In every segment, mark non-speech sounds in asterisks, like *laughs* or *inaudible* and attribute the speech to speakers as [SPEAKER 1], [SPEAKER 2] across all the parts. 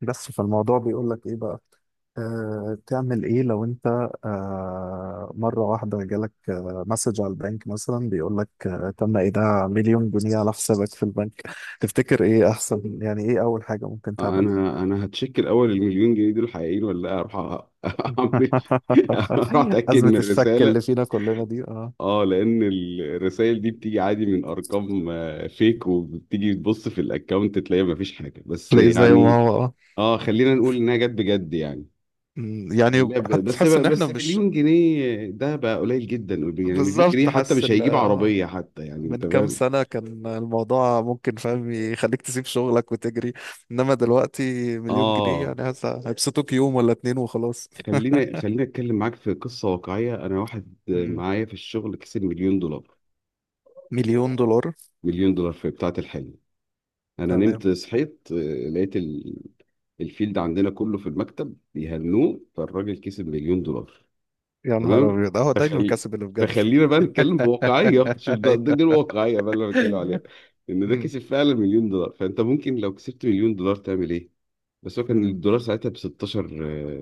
[SPEAKER 1] بس فالموضوع بيقول لك ايه بقى؟ تعمل ايه لو انت مره واحده جالك، مسج على البنك مثلا بيقول لك تم ايداع مليون جنيه على حسابك في البنك. *laughs* تفتكر ايه احسن؟ يعني ايه اول حاجه ممكن تعمل؟
[SPEAKER 2] انا هتشيك الاول المليون جنيه دول حقيقيين ولا لا اروح *laughs* اعمل اروح
[SPEAKER 1] *laughs*
[SPEAKER 2] اتاكد
[SPEAKER 1] ازمه
[SPEAKER 2] من
[SPEAKER 1] الشك
[SPEAKER 2] الرساله.
[SPEAKER 1] اللي فينا كلنا دي. اه،
[SPEAKER 2] اه، لان الرسائل دي بتيجي عادي من ارقام، فيك، وبتيجي تبص في الاكونت تلاقي مفيش حاجه، بس
[SPEAKER 1] تلاقيه زي ما
[SPEAKER 2] يعني
[SPEAKER 1] هو. اه.
[SPEAKER 2] اه خلينا نقول انها جت بجد يعني.
[SPEAKER 1] يعني
[SPEAKER 2] لا بجد،
[SPEAKER 1] حتى
[SPEAKER 2] بس
[SPEAKER 1] تحس ان احنا
[SPEAKER 2] بس
[SPEAKER 1] مش
[SPEAKER 2] مليون جنيه ده بقى قليل جدا، يعني مليون جنيه
[SPEAKER 1] بالظبط،
[SPEAKER 2] حتى
[SPEAKER 1] حاسس
[SPEAKER 2] مش
[SPEAKER 1] ان
[SPEAKER 2] هيجيب عربيه حتى، يعني
[SPEAKER 1] من
[SPEAKER 2] انت
[SPEAKER 1] كام
[SPEAKER 2] فاهم.
[SPEAKER 1] سنة كان الموضوع ممكن فاهم يخليك تسيب شغلك وتجري، انما دلوقتي مليون جنيه
[SPEAKER 2] اه
[SPEAKER 1] يعني هيبسطوك يوم ولا اتنين وخلاص.
[SPEAKER 2] خلينا اتكلم معاك في قصه واقعيه، انا واحد
[SPEAKER 1] مم.
[SPEAKER 2] معايا في الشغل كسب مليون دولار.
[SPEAKER 1] مليون دولار.
[SPEAKER 2] مليون دولار في بتاعة الحلم، انا
[SPEAKER 1] تمام.
[SPEAKER 2] نمت صحيت، لقيت الفيلد عندنا كله في المكتب بيهنوه، فالراجل كسب مليون دولار.
[SPEAKER 1] يا نهار
[SPEAKER 2] تمام،
[SPEAKER 1] ابيض، اهو ده
[SPEAKER 2] فخلي
[SPEAKER 1] المكاسب اللي بجد.
[SPEAKER 2] فخلينا بقى نتكلم بواقعية، شوف
[SPEAKER 1] *laughs*
[SPEAKER 2] ده دي
[SPEAKER 1] أيوة.
[SPEAKER 2] الواقعية بقى اللي انا بتكلم عليها، ان ده
[SPEAKER 1] مم.
[SPEAKER 2] كسب فعلا مليون دولار، فانت ممكن لو كسبت مليون دولار تعمل ايه؟ بس هو كان
[SPEAKER 1] مم.
[SPEAKER 2] الدولار ساعتها ب 16.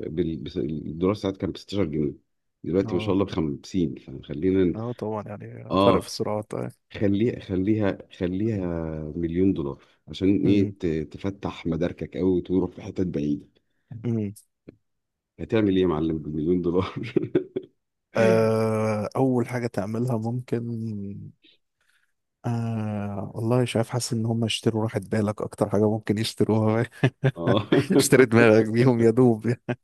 [SPEAKER 2] الدولار ساعتها كان ب 16 جنيه، دلوقتي ما شاء
[SPEAKER 1] اه.
[SPEAKER 2] الله ب 50. فخلينا
[SPEAKER 1] اه طبعا، يعني فرق
[SPEAKER 2] اه
[SPEAKER 1] في السرعات.
[SPEAKER 2] خليها خليها خليها مليون دولار، عشان ايه؟
[SPEAKER 1] مم.
[SPEAKER 2] تفتح مداركك قوي وتروح في حتت بعيدة.
[SPEAKER 1] مم.
[SPEAKER 2] هتعمل ايه يا معلم بمليون دولار؟
[SPEAKER 1] اول حاجة تعملها ممكن. والله مش عارف، حاسس ان هم يشتروا راحة بالك، اكتر حاجة ممكن يشتروها.
[SPEAKER 2] *laughs* اه
[SPEAKER 1] *laughs* اشتري دماغك بيهم يا دوب. *laughs*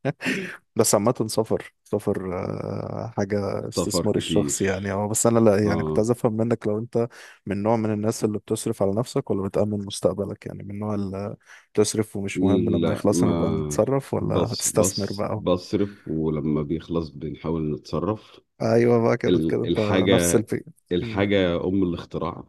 [SPEAKER 1] بس عامة سفر سفر، حاجة
[SPEAKER 2] سفر
[SPEAKER 1] استثمار
[SPEAKER 2] كتير.
[SPEAKER 1] الشخص يعني. اه بس انا لا، يعني كنت
[SPEAKER 2] اه
[SPEAKER 1] عايز افهم منك لو انت من نوع من الناس اللي بتصرف على نفسك ولا بتأمن مستقبلك. يعني من النوع اللي بتصرف ومش مهم لما
[SPEAKER 2] لا،
[SPEAKER 1] يخلص نبقى
[SPEAKER 2] ما
[SPEAKER 1] نتصرف، ولا
[SPEAKER 2] بص
[SPEAKER 1] هتستثمر
[SPEAKER 2] بص
[SPEAKER 1] بقى؟
[SPEAKER 2] بصرف ولما بيخلص بنحاول نتصرف.
[SPEAKER 1] ايوه بقى، كده كده انت نفس
[SPEAKER 2] الحاجة،
[SPEAKER 1] الفكرة. مم.
[SPEAKER 2] الحاجة أم الاختراع.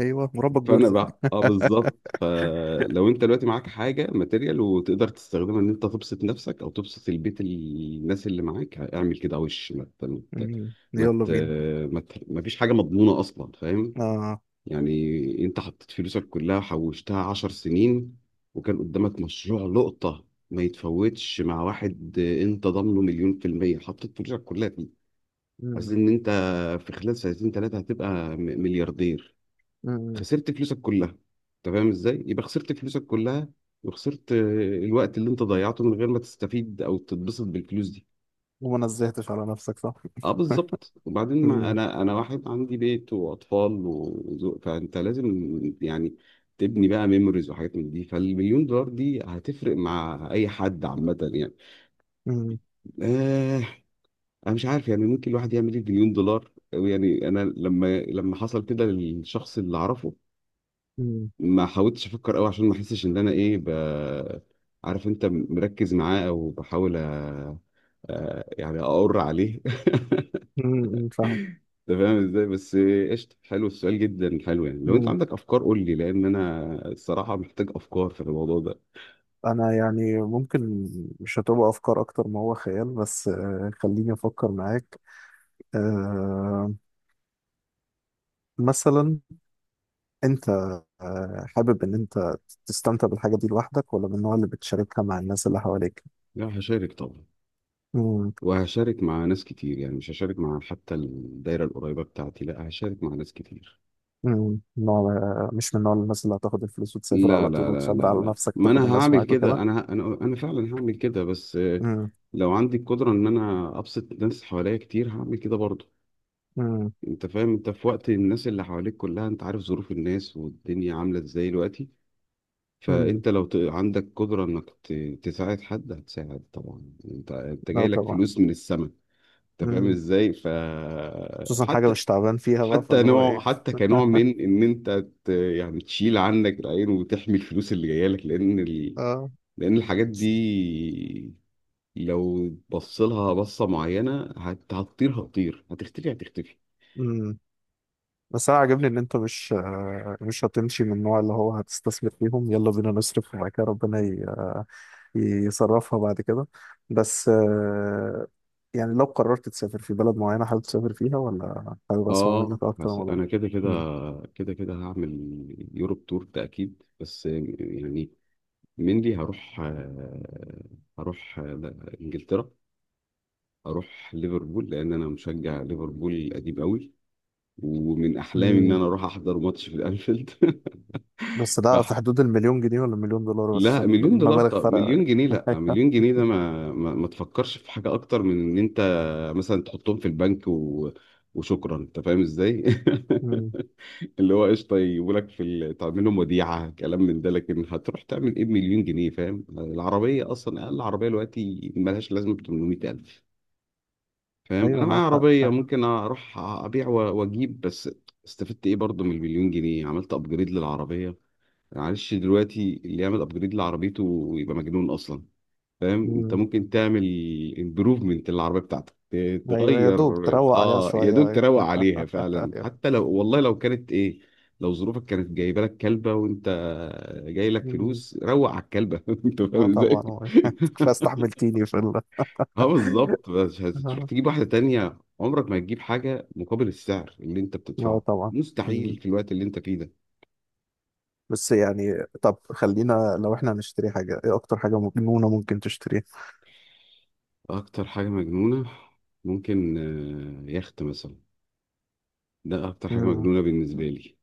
[SPEAKER 1] ايوه، وربك
[SPEAKER 2] فانا
[SPEAKER 1] بيرزق.
[SPEAKER 2] بقى اه بالظبط، فلو انت دلوقتي معاك حاجه ماتيريال وتقدر تستخدمها ان انت تبسط نفسك او تبسط البيت، الناس اللي معاك، اعمل كده، وش ت-
[SPEAKER 1] مم.
[SPEAKER 2] ما
[SPEAKER 1] يلا
[SPEAKER 2] ت-
[SPEAKER 1] بينا.
[SPEAKER 2] ما فيش حاجه مضمونه اصلا، فاهم؟
[SPEAKER 1] آه.
[SPEAKER 2] يعني انت حطيت فلوسك كلها حوشتها عشر سنين، وكان قدامك مشروع لقطه ما يتفوتش مع واحد انت ضامنه مليون في المية، حطيت فلوسك كلها فيه، عايز
[SPEAKER 1] مم.
[SPEAKER 2] ان انت في خلال سنتين ثلاثة هتبقى ملياردير.
[SPEAKER 1] مم.
[SPEAKER 2] خسرت فلوسك كلها، انت فاهم ازاي يبقى خسرت فلوسك كلها؟ وخسرت الوقت اللي انت ضيعته من غير ما تستفيد او تتبسط بالفلوس دي.
[SPEAKER 1] وما نزهتش على نفسك، صح؟
[SPEAKER 2] اه بالظبط،
[SPEAKER 1] *laughs*
[SPEAKER 2] وبعدين ما
[SPEAKER 1] مم.
[SPEAKER 2] انا واحد عندي بيت واطفال وزوج، فانت لازم يعني تبني بقى ميموريز وحاجات من دي، فالمليون دولار دي هتفرق مع اي حد عامه يعني.
[SPEAKER 1] مم.
[SPEAKER 2] آه، انا مش عارف يعني ممكن الواحد يعمل ايه بمليون دولار يعني. انا لما حصل كده للشخص اللي اعرفه
[SPEAKER 1] مم.
[SPEAKER 2] ما حاولتش افكر قوي، عشان ما احسش ان انا ايه عارف انت مركز معاه، او بحاول يعني اقر عليه. *laughs*
[SPEAKER 1] مم. فاهم.
[SPEAKER 2] انت فاهم ازاي؟ بس قشطه حلو السؤال جدا حلو، يعني لو انت
[SPEAKER 1] مم.
[SPEAKER 2] عندك افكار قول لي لان انا الصراحه محتاج افكار في الموضوع ده.
[SPEAKER 1] انا يعني ممكن مش هتبقى افكار اكتر ما هو خيال، بس خليني افكر معاك. آه، مثلا انت حابب ان انت تستمتع بالحاجه دي لوحدك ولا من النوع اللي بتشاركها مع الناس اللي حواليك؟
[SPEAKER 2] لا هشارك طبعا،
[SPEAKER 1] مم.
[SPEAKER 2] وهشارك مع ناس كتير يعني، مش هشارك مع حتى الدايره القريبه بتاعتي، لا هشارك مع ناس كتير.
[SPEAKER 1] مم. نوع مش من نوع الناس اللي هتاخد الفلوس وتسافر
[SPEAKER 2] لا
[SPEAKER 1] على طول
[SPEAKER 2] لا لا
[SPEAKER 1] وتشبر
[SPEAKER 2] لا
[SPEAKER 1] على
[SPEAKER 2] لا،
[SPEAKER 1] نفسك
[SPEAKER 2] ما
[SPEAKER 1] تاخد
[SPEAKER 2] انا
[SPEAKER 1] الناس
[SPEAKER 2] هعمل
[SPEAKER 1] معاك
[SPEAKER 2] كده،
[SPEAKER 1] وكده؟
[SPEAKER 2] انا ه- انا انا فعلا هعمل كده، بس
[SPEAKER 1] مم.
[SPEAKER 2] لو عندي القدره ان انا ابسط الناس حواليا كتير هعمل كده برضه.
[SPEAKER 1] مم.
[SPEAKER 2] انت فاهم، انت في وقت الناس اللي حواليك كلها، انت عارف ظروف الناس والدنيا عامله ازاي دلوقتي،
[SPEAKER 1] مم.
[SPEAKER 2] فانت لو عندك قدره انك تساعد حد هتساعد طبعا، انت انت
[SPEAKER 1] لا
[SPEAKER 2] جاي لك
[SPEAKER 1] طبعا.
[SPEAKER 2] فلوس من السماء. انت فاهم ازاي؟ ف
[SPEAKER 1] خصوصا حاجة
[SPEAKER 2] حتى
[SPEAKER 1] مش تعبان فيها بقى
[SPEAKER 2] حتى
[SPEAKER 1] فاللي هو
[SPEAKER 2] نوع
[SPEAKER 1] ايه.
[SPEAKER 2] حتى كنوع من ان انت يعني تشيل عنك العين وتحمي الفلوس اللي جايه لك، لان
[SPEAKER 1] اه.
[SPEAKER 2] لأن الحاجات دي لو بصلها بصة معينة هتطير هتطير، هتختفي هتختفي.
[SPEAKER 1] امم. بس انا عاجبني ان انت مش مش هتمشي من النوع اللي هو هتستثمر فيهم. يلا بينا نصرف وبعد كده ربنا يصرفها بعد كده. بس يعني لو قررت تسافر في بلد معينة، حابب تسافر فيها؟ ولا حابب اسمع
[SPEAKER 2] اه
[SPEAKER 1] منك اكتر عن
[SPEAKER 2] بس
[SPEAKER 1] الموضوع؟
[SPEAKER 2] انا كده كده
[SPEAKER 1] مم.
[SPEAKER 2] كده كده هعمل يوروب تور ده اكيد، بس يعني منلي هروح انجلترا. هروح ليفربول، لان انا مشجع ليفربول قديم قوي، ومن احلامي ان
[SPEAKER 1] مم.
[SPEAKER 2] انا اروح احضر ماتش في الانفيلد. *laughs*
[SPEAKER 1] بس ده
[SPEAKER 2] فاحنا
[SPEAKER 1] في حدود المليون جنيه ولا مليون دولار؟ بس
[SPEAKER 2] لا
[SPEAKER 1] عشان
[SPEAKER 2] مليون دولار.
[SPEAKER 1] المبالغ
[SPEAKER 2] طب
[SPEAKER 1] فرق.
[SPEAKER 2] مليون جنيه، لا مليون
[SPEAKER 1] *laughs*
[SPEAKER 2] جنيه ده ما تفكرش في حاجة أكتر من إن أنت مثلا تحطهم في البنك وشكرا، أنت فاهم إزاي؟ *laughs*
[SPEAKER 1] مم.
[SPEAKER 2] اللي هو قشطة، يجيبولك في تعملهم وديعة كلام من ده، لكن هتروح تعمل إيه بمليون جنيه؟ فاهم؟ العربية أصلا أقل عربية دلوقتي ملهاش لازمة ب 800,000، فاهم؟ أنا
[SPEAKER 1] ايوه
[SPEAKER 2] معايا
[SPEAKER 1] معاك حق.
[SPEAKER 2] عربية ممكن أروح أبيع وأجيب، بس استفدت إيه برضه من المليون جنيه؟ عملت أبجريد للعربية. معلش دلوقتي اللي يعمل أبجريد لعربيته يبقى مجنون أصلا. فاهم انت
[SPEAKER 1] مم.
[SPEAKER 2] ممكن تعمل امبروفمنت للعربيه بتاعتك
[SPEAKER 1] ايوه يا
[SPEAKER 2] تغير.
[SPEAKER 1] دوب تروق عليها
[SPEAKER 2] اه يا
[SPEAKER 1] شويه،
[SPEAKER 2] دوب
[SPEAKER 1] ايوه.
[SPEAKER 2] تروق عليها
[SPEAKER 1] *laughs*
[SPEAKER 2] فعلا،
[SPEAKER 1] أيوة.
[SPEAKER 2] حتى لو والله لو كانت ايه، لو ظروفك كانت جايبه لك كلبه وانت جاي لك
[SPEAKER 1] مم.
[SPEAKER 2] فلوس روق على الكلبه. *laughs* انت
[SPEAKER 1] اه
[SPEAKER 2] فاهم
[SPEAKER 1] طبعا
[SPEAKER 2] ازاي؟
[SPEAKER 1] هو. *laughs* انت كفايه
[SPEAKER 2] *laughs*
[SPEAKER 1] استحملتيني في *laughs*
[SPEAKER 2] اه بالظبط، بس هتروح
[SPEAKER 1] اه.
[SPEAKER 2] تجيب واحده تانية عمرك ما هتجيب حاجه مقابل السعر اللي انت
[SPEAKER 1] آه
[SPEAKER 2] بتدفعه،
[SPEAKER 1] طبعا. مم.
[SPEAKER 2] مستحيل في الوقت اللي انت فيه ده.
[SPEAKER 1] بس يعني، طب خلينا لو احنا هنشتري حاجه، ايه اكتر حاجه مجنونه ممكن تشتريها؟
[SPEAKER 2] اكتر حاجه مجنونه ممكن، يخت مثلا، ده اكتر حاجه
[SPEAKER 1] مم.
[SPEAKER 2] مجنونه بالنسبه لي،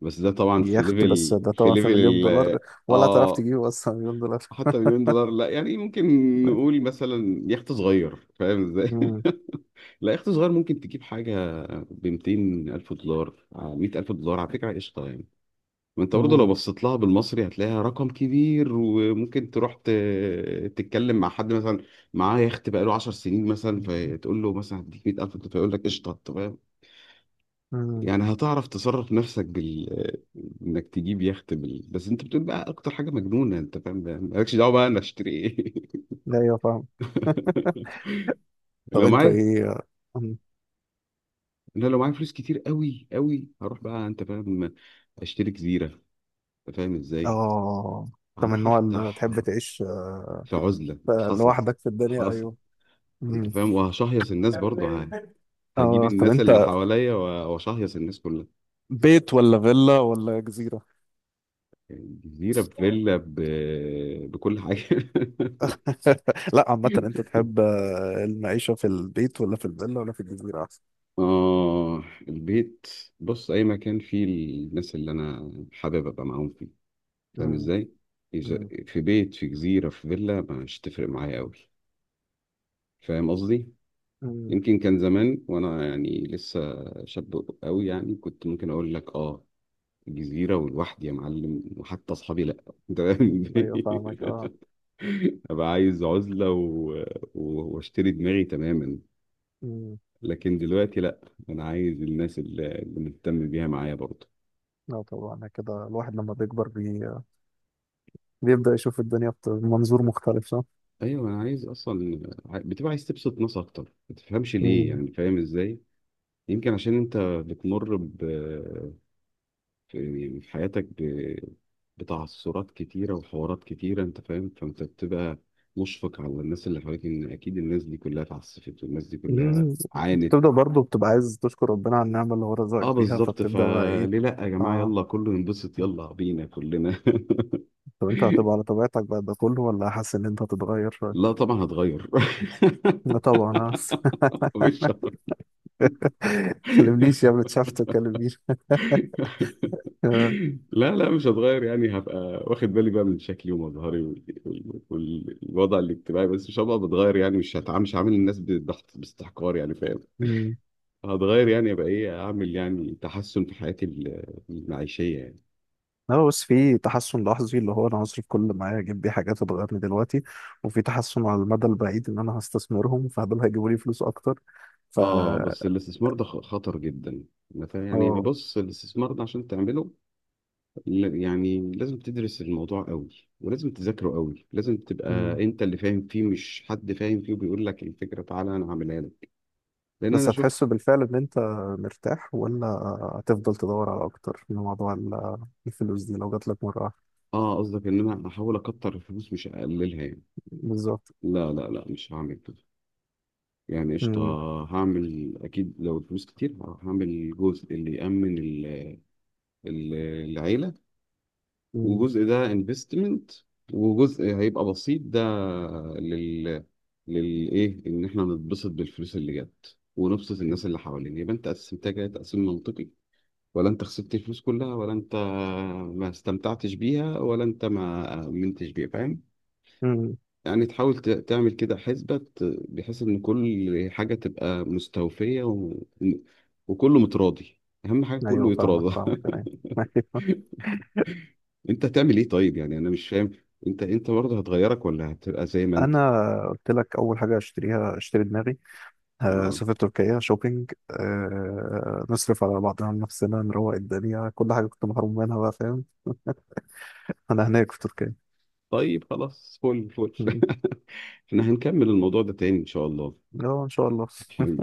[SPEAKER 2] بس ده طبعا في
[SPEAKER 1] يخت، بس
[SPEAKER 2] ليفل
[SPEAKER 1] ده
[SPEAKER 2] في
[SPEAKER 1] طبعا في
[SPEAKER 2] ليفل
[SPEAKER 1] مليون
[SPEAKER 2] ال
[SPEAKER 1] دولار، ولا تعرف
[SPEAKER 2] اه.
[SPEAKER 1] تجيبه اصلا مليون دولار؟
[SPEAKER 2] حتى مليون دولار لا، يعني ممكن نقول مثلا يخت صغير، فاهم ازاي؟
[SPEAKER 1] مم.
[SPEAKER 2] *laughs* لا يخت صغير ممكن تجيب حاجة ب 200 ألف دولار 100 ألف دولار على فكرة قشطة يعني. ما انت برضه لو
[SPEAKER 1] مم.
[SPEAKER 2] بصيت لها بالمصري هتلاقيها رقم كبير، وممكن تروح تتكلم مع حد مثلا معاه يخت بقاله 10 سنين مثلا، فتقول له مثلا هديك 100 ألف، فيقول لك قشطة. طب
[SPEAKER 1] مم.
[SPEAKER 2] يعني هتعرف تصرف نفسك بال انك تجيب يخت بس انت بتقول بقى اكتر حاجه مجنونه، انت فاهم، بقى مالكش دعوه بقى انا اشتري ايه.
[SPEAKER 1] لا ايوه فاهم.
[SPEAKER 2] *laughs*
[SPEAKER 1] طب
[SPEAKER 2] لو
[SPEAKER 1] انت
[SPEAKER 2] معايا،
[SPEAKER 1] ايه؟ مم.
[SPEAKER 2] انا لو معايا فلوس كتير قوي قوي هروح بقى، انت فاهم، اشتري جزيره، انت فاهم ازاي.
[SPEAKER 1] اه، انت من
[SPEAKER 2] هروح
[SPEAKER 1] النوع اللي
[SPEAKER 2] افتح
[SPEAKER 1] تحب تعيش
[SPEAKER 2] في عزله. حصل،
[SPEAKER 1] لوحدك في الدنيا؟
[SPEAKER 2] حصل،
[SPEAKER 1] ايوه.
[SPEAKER 2] انت
[SPEAKER 1] مم.
[SPEAKER 2] فاهم، وهشهيص الناس برضه هجيب
[SPEAKER 1] اه طب
[SPEAKER 2] الناس
[SPEAKER 1] انت،
[SPEAKER 2] اللي حواليا واشهيص الناس كلها.
[SPEAKER 1] بيت ولا فيلا ولا جزيرة؟
[SPEAKER 2] يعني جزيره بفيلا بكل حاجه. *laughs*
[SPEAKER 1] *laughs* لا عامة انت تحب المعيشة في البيت ولا في الفيلا ولا في الجزيرة احسن؟
[SPEAKER 2] آه البيت. بص أي مكان فيه الناس اللي أنا حابب أبقى معاهم فيه، فاهم
[SPEAKER 1] امم.
[SPEAKER 2] إزاي؟ إذا
[SPEAKER 1] امم.
[SPEAKER 2] في بيت في جزيرة في فيلا مش تفرق معايا أوي، فاهم قصدي؟
[SPEAKER 1] امم.
[SPEAKER 2] يمكن كان زمان وأنا يعني لسه شاب أوي، يعني كنت ممكن أقول لك آه جزيرة ولوحدي يا معلم، وحتى أصحابي لأ. *laughs* أنت فاهم
[SPEAKER 1] ايوه
[SPEAKER 2] إزاي؟
[SPEAKER 1] فاهمك. اه.
[SPEAKER 2] *laughs* أبقى عايز عزلة وأشتري دماغي تماما.
[SPEAKER 1] امم.
[SPEAKER 2] لكن دلوقتي لأ، أنا عايز الناس اللي مهتم بيها معايا برضه.
[SPEAKER 1] لا طبعا، كده الواحد لما بيكبر بيبدأ يشوف الدنيا بمنظور مختلف، صح؟
[SPEAKER 2] ايوه انا عايز اصلا بتبقى عايز تبسط ناس اكتر، ما تفهمش ليه
[SPEAKER 1] امم.
[SPEAKER 2] يعني، فاهم ازاي؟ يمكن عشان انت بتمر في يعني في حياتك بتعثرات كتيره وحوارات كتيره، انت فاهم، فانت بتبقى مشفق على الناس اللي حواليك، ان اكيد الناس دي كلها اتعسفت والناس دي كلها
[SPEAKER 1] أمم.
[SPEAKER 2] عانت.
[SPEAKER 1] بتبدأ برضه بتبقى عايز تشكر ربنا على النعمة اللي هو رزقك
[SPEAKER 2] اه
[SPEAKER 1] بيها،
[SPEAKER 2] بالظبط،
[SPEAKER 1] فبتبدأ بقى ايه.
[SPEAKER 2] فليه لا يا جماعه
[SPEAKER 1] اه،
[SPEAKER 2] يلا كله ينبسط يلا بينا كلنا.
[SPEAKER 1] طب انت هتبقى على طبيعتك بعد ده كله، ولا حاسس ان انت هتتغير
[SPEAKER 2] *laughs* لا
[SPEAKER 1] شوية؟
[SPEAKER 2] طبعا هتغير.
[SPEAKER 1] لا طبعا اه.
[SPEAKER 2] *laughs* مش
[SPEAKER 1] كلمنيش يا ابني، اتشافت، كلمنيش.
[SPEAKER 2] لا لا مش هتغير، يعني هبقى واخد بالي بقى من شكلي ومظهري والوضع الاجتماعي، بس مش هبقى بتغير، يعني مش هعامل الناس بضغط باستحقار يعني، فاهم؟ هتغير يعني ابقى ايه اعمل يعني تحسن في حياتي المعيشية يعني.
[SPEAKER 1] لا بس في تحسن لحظي، اللي هو انا هصرف كل اللي معايا اجيب بيه حاجات هتغيرني دلوقتي، وفي تحسن على المدى البعيد ان انا هستثمرهم فدول هيجيبوا لي فلوس اكتر. ف
[SPEAKER 2] اه بس الاستثمار ده خطر جدا. أنا فاهم يعني،
[SPEAKER 1] اه.
[SPEAKER 2] بص الاستثمار ده عشان تعمله يعني لازم تدرس الموضوع قوي، ولازم تذاكره قوي، لازم
[SPEAKER 1] مم.
[SPEAKER 2] تبقى انت اللي فاهم فيه مش حد فاهم فيه وبيقول لك الفكرة تعالى انا هعملها لك، لان انا
[SPEAKER 1] بس
[SPEAKER 2] شفت.
[SPEAKER 1] هتحس بالفعل ان انت مرتاح، ولا هتفضل تدور على اكتر من موضوع الفلوس دي لو جات لك مره واحده؟
[SPEAKER 2] اه قصدك ان انا احاول اكتر الفلوس مش اقللها يعني.
[SPEAKER 1] بالظبط.
[SPEAKER 2] لا لا لا مش هعمل كده، يعني قشطة
[SPEAKER 1] مم.
[SPEAKER 2] هعمل اكيد لو الفلوس كتير، هعمل جزء اللي يأمن ال- العيلة،
[SPEAKER 1] مم.
[SPEAKER 2] وجزء ده انفستمنت، وجزء هيبقى بسيط ده لل للايه، ان احنا نتبسط بالفلوس اللي جت ونبسط الناس اللي حوالينا. يبقى انت قسمتها كده تقسيم منطقي، ولا انت خسرت الفلوس كلها، ولا انت ما استمتعتش بيها، ولا انت ما امنتش بيها، فاهم؟
[SPEAKER 1] مم.
[SPEAKER 2] يعني تحاول تعمل كده حسبة بحيث إن كل حاجة تبقى مستوفية وكله متراضي، أهم حاجة
[SPEAKER 1] ايوه
[SPEAKER 2] كله
[SPEAKER 1] فاهمك
[SPEAKER 2] يتراضى.
[SPEAKER 1] فاهمك.
[SPEAKER 2] *laughs*
[SPEAKER 1] أيوة.
[SPEAKER 2] أنت هتعمل إيه طيب؟ يعني أنا مش فاهم، أنت برضه هتغيرك ولا هتبقى زي ما
[SPEAKER 1] *laughs*
[SPEAKER 2] أنت.
[SPEAKER 1] انا قلت لك اول حاجه اشتريها، اشتري دماغي.
[SPEAKER 2] آه.
[SPEAKER 1] سافر تركيا شوبينج. نصرف على بعضنا، نفسنا نروق الدنيا، كل حاجة كنت محروم منها بقى، فاهم؟ أنا هناك في تركيا.
[SPEAKER 2] طيب خلاص فل فل.
[SPEAKER 1] م.
[SPEAKER 2] *laughs* إحنا هنكمل الموضوع ده تاني إن شاء
[SPEAKER 1] اه إن شاء الله. *laughs*
[SPEAKER 2] الله.